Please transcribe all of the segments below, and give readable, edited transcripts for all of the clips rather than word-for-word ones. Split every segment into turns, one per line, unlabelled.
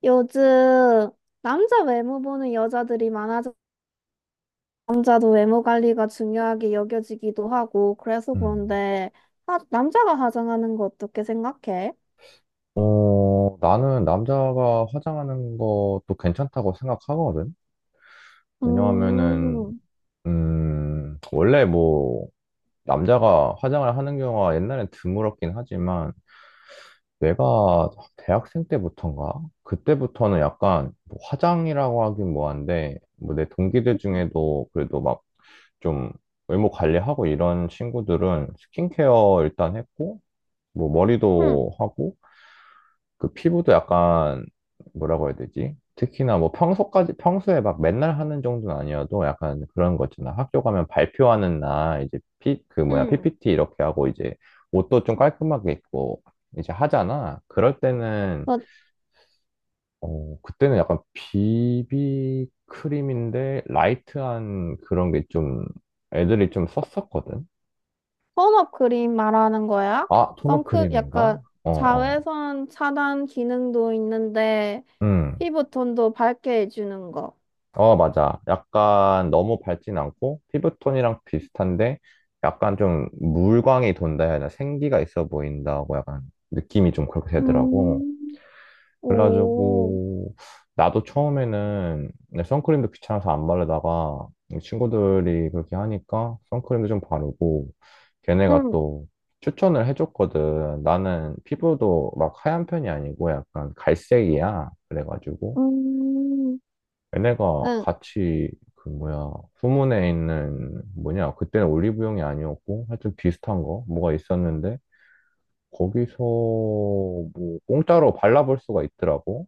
요즘 남자 외모 보는 여자들이 많아져. 남자도 외모 관리가 중요하게 여겨지기도 하고, 그래서
음.
그런데 하, 남자가 화장하는 거 어떻게 생각해?
나는 남자가 화장하는 것도 괜찮다고 생각하거든. 왜냐하면은,
음,
음, 원래 뭐, 남자가 화장을 하는 경우가 옛날엔 드물었긴 하지만, 내가 대학생 때부터인가? 그때부터는 약간 뭐 화장이라고 하긴 뭐한데, 뭐 내 동기들 중에도 그래도 막 좀 외모 관리하고 이런 친구들은 스킨케어 일단 했고, 뭐
응,
머리도 하고, 그 피부도 약간 뭐라고 해야 되지? 특히나 뭐 평소까지 평소에 막 맨날 하는 정도는 아니어도 약간 그런 거 있잖아. 학교 가면 발표하는 날 이제 피 그 뭐야
응.
PPT 이렇게 하고 이제 옷도 좀 깔끔하게 입고 이제 하잖아. 그럴 때는
너
그때는 약간 비비 크림인데 라이트한 그런 게 좀 애들이 좀 썼었거든.
톤업 크림 말하는 거야?
아, 톤업
선크
크림인가?
약간
어, 어.
자외선 차단 기능도 있는데
음.
피부톤도 밝게 해주는 거.
어, 맞아. 약간 너무 밝진 않고 피부톤이랑 비슷한데 약간 좀 물광이 돈다 해야 하나 생기가 있어 보인다고 약간 느낌이 좀 그렇게 되더라고.
음, 오,
그래가지고 나도 처음에는 내 선크림도 귀찮아서 안 바르다가 이 친구들이 그렇게 하니까 선크림도 좀 바르고 걔네가
응,
또 추천을 해줬거든. 나는 피부도 막 하얀 편이 아니고 약간 갈색이야. 그래가지고
음.
얘네가
응.
같이 그 뭐야 후문에 있는 뭐냐 그때는 올리브영이 아니었고 하여튼 비슷한 거 뭐가 있었는데 거기서 뭐 공짜로 발라볼 수가 있더라고.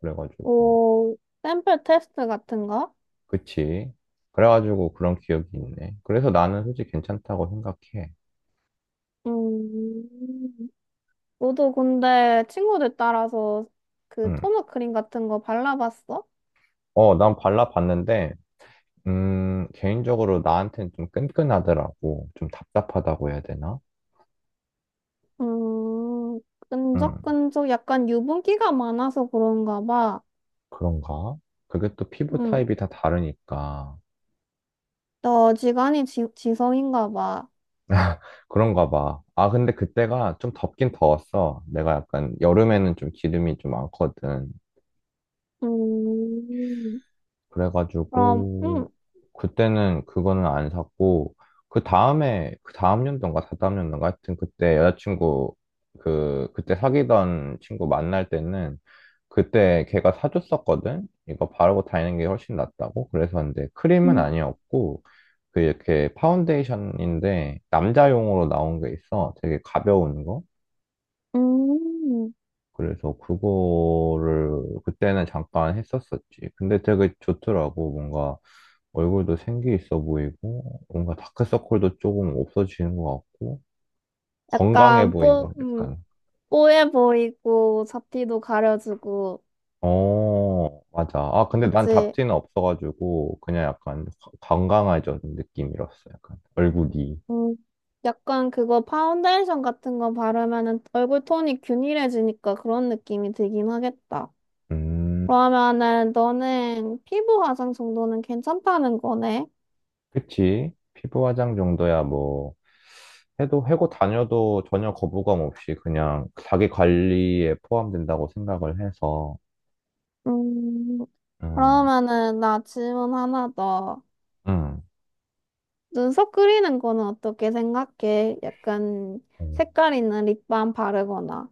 그래가지고.
오, 샘플 테스트 같은 거?
그치. 그래가지고 그런 기억이 있네. 그래서 나는 솔직히 괜찮다고 생각해.
음, 너도 근데 친구들 따라서 그
응.
토너 크림 같은 거 발라봤어?
어, 난 발라봤는데 개인적으로 나한텐 좀 끈끈하더라고. 좀 답답하다고 해야 되나.
음,
응.
끈적끈적 약간 유분기가 많아서 그런가 봐.
그런가. 그게 또 피부
음,
타입이 다 다르니까.
너 지성인가 봐.
그런가 봐. 아, 근데 그때가 좀 덥긴 더웠어. 내가 약간 여름에는 좀 기름이 좀 많거든.
음, 그럼,
그래가지고 그때는 그거는 안 샀고 그 다음에 그 다음 연도인가 다다음 연도인가 하여튼 그때 여자친구 그 그때 사귀던 친구 만날 때는 그때 걔가 사줬었거든. 이거 바르고 다니는 게 훨씬 낫다고. 그래서 근데 크림은
음,
아니었고 그 이렇게 파운데이션인데 남자용으로 나온 게 있어. 되게 가벼운 거.
음,
그래서 그거를 그때는 잠깐 했었었지. 근데 되게 좋더라고. 뭔가 얼굴도 생기 있어 보이고, 뭔가 다크서클도 조금 없어지는 것 같고, 건강해
약간
보인다. 약간.
뽀해 보이고, 잡티도 가려주고.
어, 맞아. 아, 근데 난
그치?
잡티는 없어가지고, 그냥 약간 건강해진 느낌이었어. 약간 얼굴이.
음, 약간 그거 파운데이션 같은 거 바르면은 얼굴 톤이 균일해지니까 그런 느낌이 들긴 하겠다.
음.
그러면은 너는 피부 화장 정도는 괜찮다는 거네?
그치. 피부 화장 정도야 뭐. 해도 해고 다녀도 전혀 거부감 없이 그냥 자기 관리에 포함된다고 생각을 해서.
음,
음.
그러면은 나 질문 하나 더.
음.
눈썹 그리는 거는 어떻게 생각해? 약간
어,
색깔 있는 립밤 바르거나.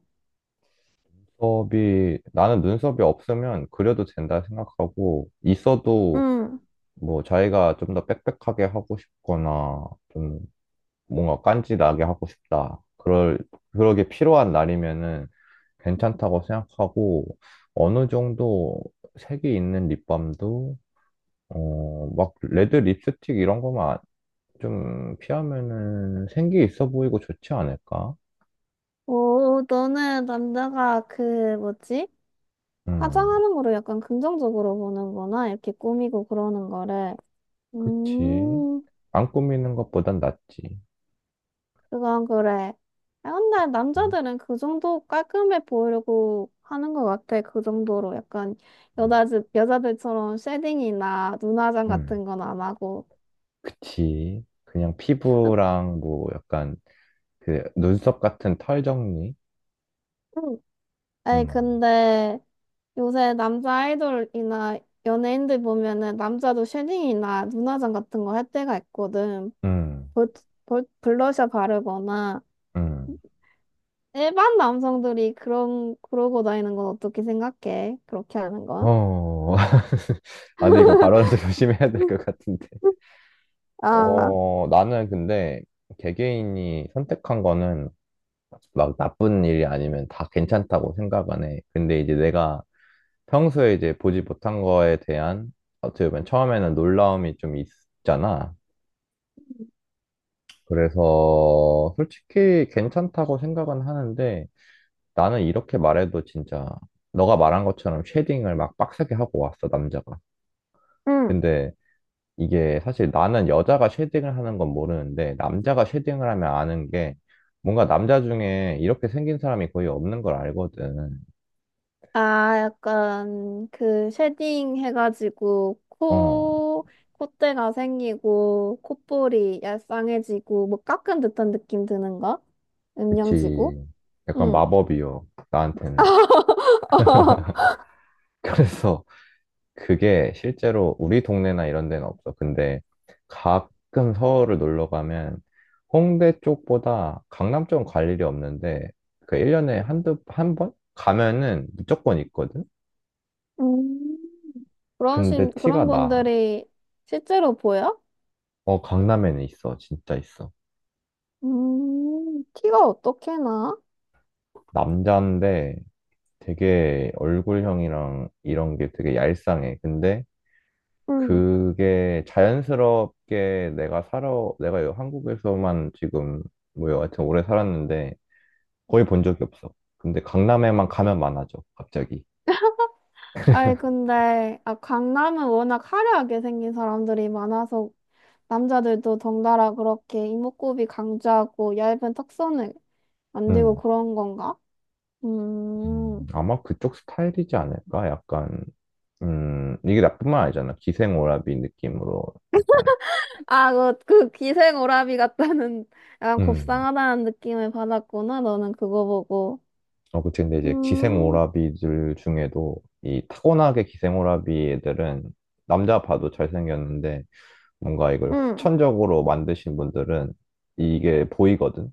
눈썹이, 나는 눈썹이 없으면 그려도 된다 생각하고, 있어도
응.
뭐 자기가 좀 더 빽빽하게 하고 싶거나, 좀 뭔가 깐지나게 하고 싶다. 그러게 필요한 날이면은 괜찮다고 생각하고, 어느 정도 색이 있는 립밤도, 어, 막 레드 립스틱 이런 거만 좀 피하면은 생기 있어 보이고 좋지 않을까?
오, 너는 남자가 그 뭐지?
음.
화장하는 거를 약간 긍정적으로 보는구나. 이렇게 꾸미고 그러는 거를.
그치.
음,
안 꾸미는 것보단 낫지.
그건 그래. 아, 근데
음.
남자들은 그 정도 깔끔해 보이려고 하는 것 같아. 그 정도로 약간
음.
여자, 여자들처럼 쉐딩이나 눈화장
음.
같은 건 안 하고.
그치. 그냥
음,
피부랑 뭐 약간 그 눈썹 같은 털 정리?
음. 아니,
음.
근데 요새 남자 아이돌이나 연예인들 보면은 남자도 쉐딩이나 눈화장 같은 거 할 때가 있거든.
음.
볼, 블러셔 바르거나.
음.
일반 남성들이 그러고 다니는 건 어떻게 생각해? 그렇게 하는 건?
어. 아, 근데 이거 발언을 좀 조심해야 될 것 같은데.
아,
어, 나는 근데 개개인이 선택한 거는 막 나쁜 일이 아니면 다 괜찮다고 생각 안 해. 근데 이제 내가 평소에 이제 보지 못한 거에 대한, 어떻게 보면 처음에는 놀라움이 좀 있잖아. 그래서 솔직히 괜찮다고 생각은 하는데 나는 이렇게 말해도 진짜 너가 말한 것처럼 쉐딩을 막 빡세게 하고 왔어, 남자가.
응.
근데 이게 사실 나는 여자가 쉐딩을 하는 건 모르는데 남자가 쉐딩을 하면 아는 게 뭔가 남자 중에 이렇게 생긴 사람이 거의 없는 걸 알거든.
아, 약간 그 쉐딩 해가지고
어,
콧대가 생기고 콧볼이 얄쌍해지고 뭐 깎은 듯한 느낌 드는 거? 음영지구?
그치. 약간
응.
마법이요, 나한테는. 그래서 그게 실제로 우리 동네나 이런 데는 없어. 근데 가끔 서울을 놀러 가면 홍대 쪽보다 강남 쪽은 갈 일이 없는데 그 1년에 한두 한 번 가면은 무조건 있거든.
음.
근데 티가
그런
나.
분들이 실제로 보여?
어, 강남에는 있어. 진짜 있어.
티가 어떻게 나?
남자인데 되게 얼굴형이랑 이런 게 되게 얄쌍해. 근데
음,
그게 자연스럽게 내가 살아 내가 한국에서만 지금 뭐 여하튼 오래 살았는데 거의 본 적이 없어. 근데 강남에만 가면 많아져, 갑자기.
아이, 근데, 아, 강남은 워낙 화려하게 생긴 사람들이 많아서 남자들도 덩달아 그렇게 이목구비 강조하고 얇은 턱선을 만들고
음.
그런 건가? 음.
아마 그쪽 스타일이지 않을까? 약간, 이게 나뿐만 아니잖아. 기생오라비 느낌으로 약간,
아, 그 기생오라비 같다는 약간
음,
곱상하다는 느낌을 받았구나. 너는 그거 보고.
어, 그치. 근데 이제
음.
기생오라비들 중에도 이 타고나게 기생오라비 애들은 남자 봐도 잘생겼는데 뭔가 이걸
음.
후천적으로 만드신 분들은 이게 보이거든?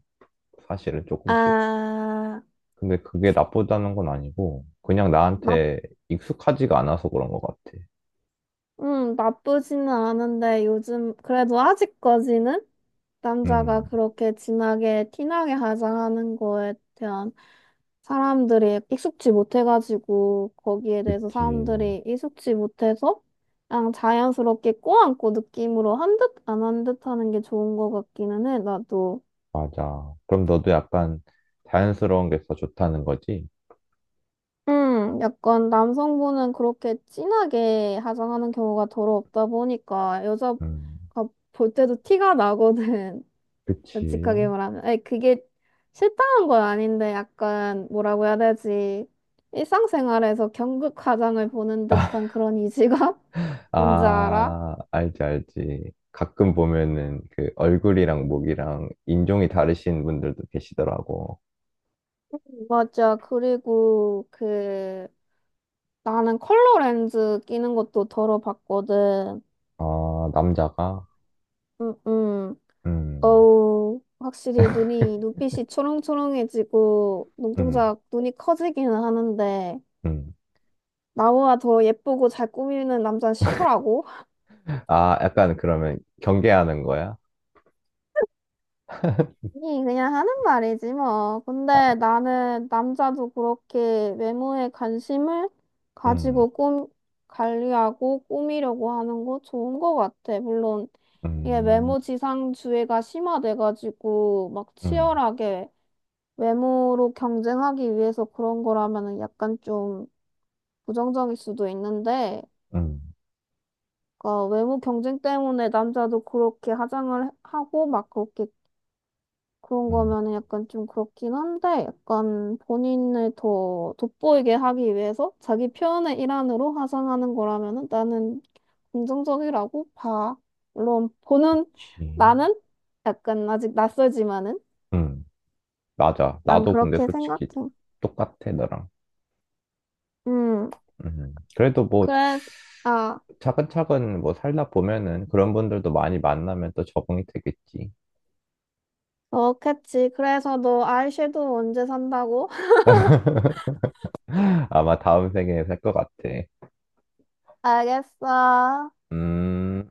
사실은 조금씩.
아,
근데 그게 나쁘다는 건 아니고, 그냥
나,
나한테 익숙하지가 않아서 그런 것 같아.
나쁘지는 않은데 요즘 그래도 아직까지는 남자가
음.
그렇게 진하게 티나게 화장하는 거에 대한 사람들이 익숙지 못해가지고 거기에 대해서
그치.
사람들이 익숙지 못해서 그냥 자연스럽게 꼬안고 느낌으로 한 듯 안 한 듯 하는 게 좋은 것 같기는 해. 나도
맞아. 그럼 너도 약간 자연스러운 게 더 좋다는 거지?
약간 남성분은 그렇게 진하게 화장하는 경우가 더러 없다 보니까 여자가
음.
볼 때도 티가 나거든. 솔직하게
그치.
말하면. 아니, 그게 싫다는 건 아닌데, 약간, 뭐라고 해야 되지? 일상생활에서 경극 화장을 보는 듯한 그런 이질감? 뭔지 알아?
아, 알지, 알지. 가끔 보면은 그 얼굴이랑 목이랑 인종이 다르신 분들도 계시더라고.
맞아. 그리고, 나는 컬러 렌즈 끼는 것도 덜어 봤거든.
아, 남자가?
응, 응.
음.
어우, 확실히 눈빛이 초롱초롱해지고,
음.
눈이 커지기는 하는데,
음.
나보다 더 예쁘고 잘 꾸미는 남자는 싫더라고.
아, 약간 그러면 경계하는 거야?
이 그냥 하는 말이지 뭐. 근데
아.
나는 남자도 그렇게 외모에 관심을
음.
가지고 꿈 관리하고 꾸미려고 하는 거 좋은 거 같아. 물론 이게
음.
외모 지상주의가 심화돼가지고 막
음.
치열하게 외모로 경쟁하기 위해서 그런 거라면은 약간 좀 부정적일 수도 있는데,
음.
그러니까 외모 경쟁 때문에 남자도 그렇게 화장을 하고 막 그렇게 그런
음.
거면은 약간 좀 그렇긴 한데, 약간 본인을 더 돋보이게 하기 위해서 자기 표현의 일환으로 화장하는 거라면은 나는 긍정적이라고 봐. 물론 보는
그치.
나는 약간 아직 낯설지만은
음, 맞아.
난
나도 근데
그렇게
솔직히
생각해.
똑같아, 너랑.
음,
그래도 뭐,
그래서 아,
차근차근 뭐 살다 보면은 그런 분들도 많이 만나면 또 적응이 되겠지.
그렇겠지. 그래서 너 아이섀도우 언제 산다고?
아마 다음 생에 살 것 같아.
알겠어.
음.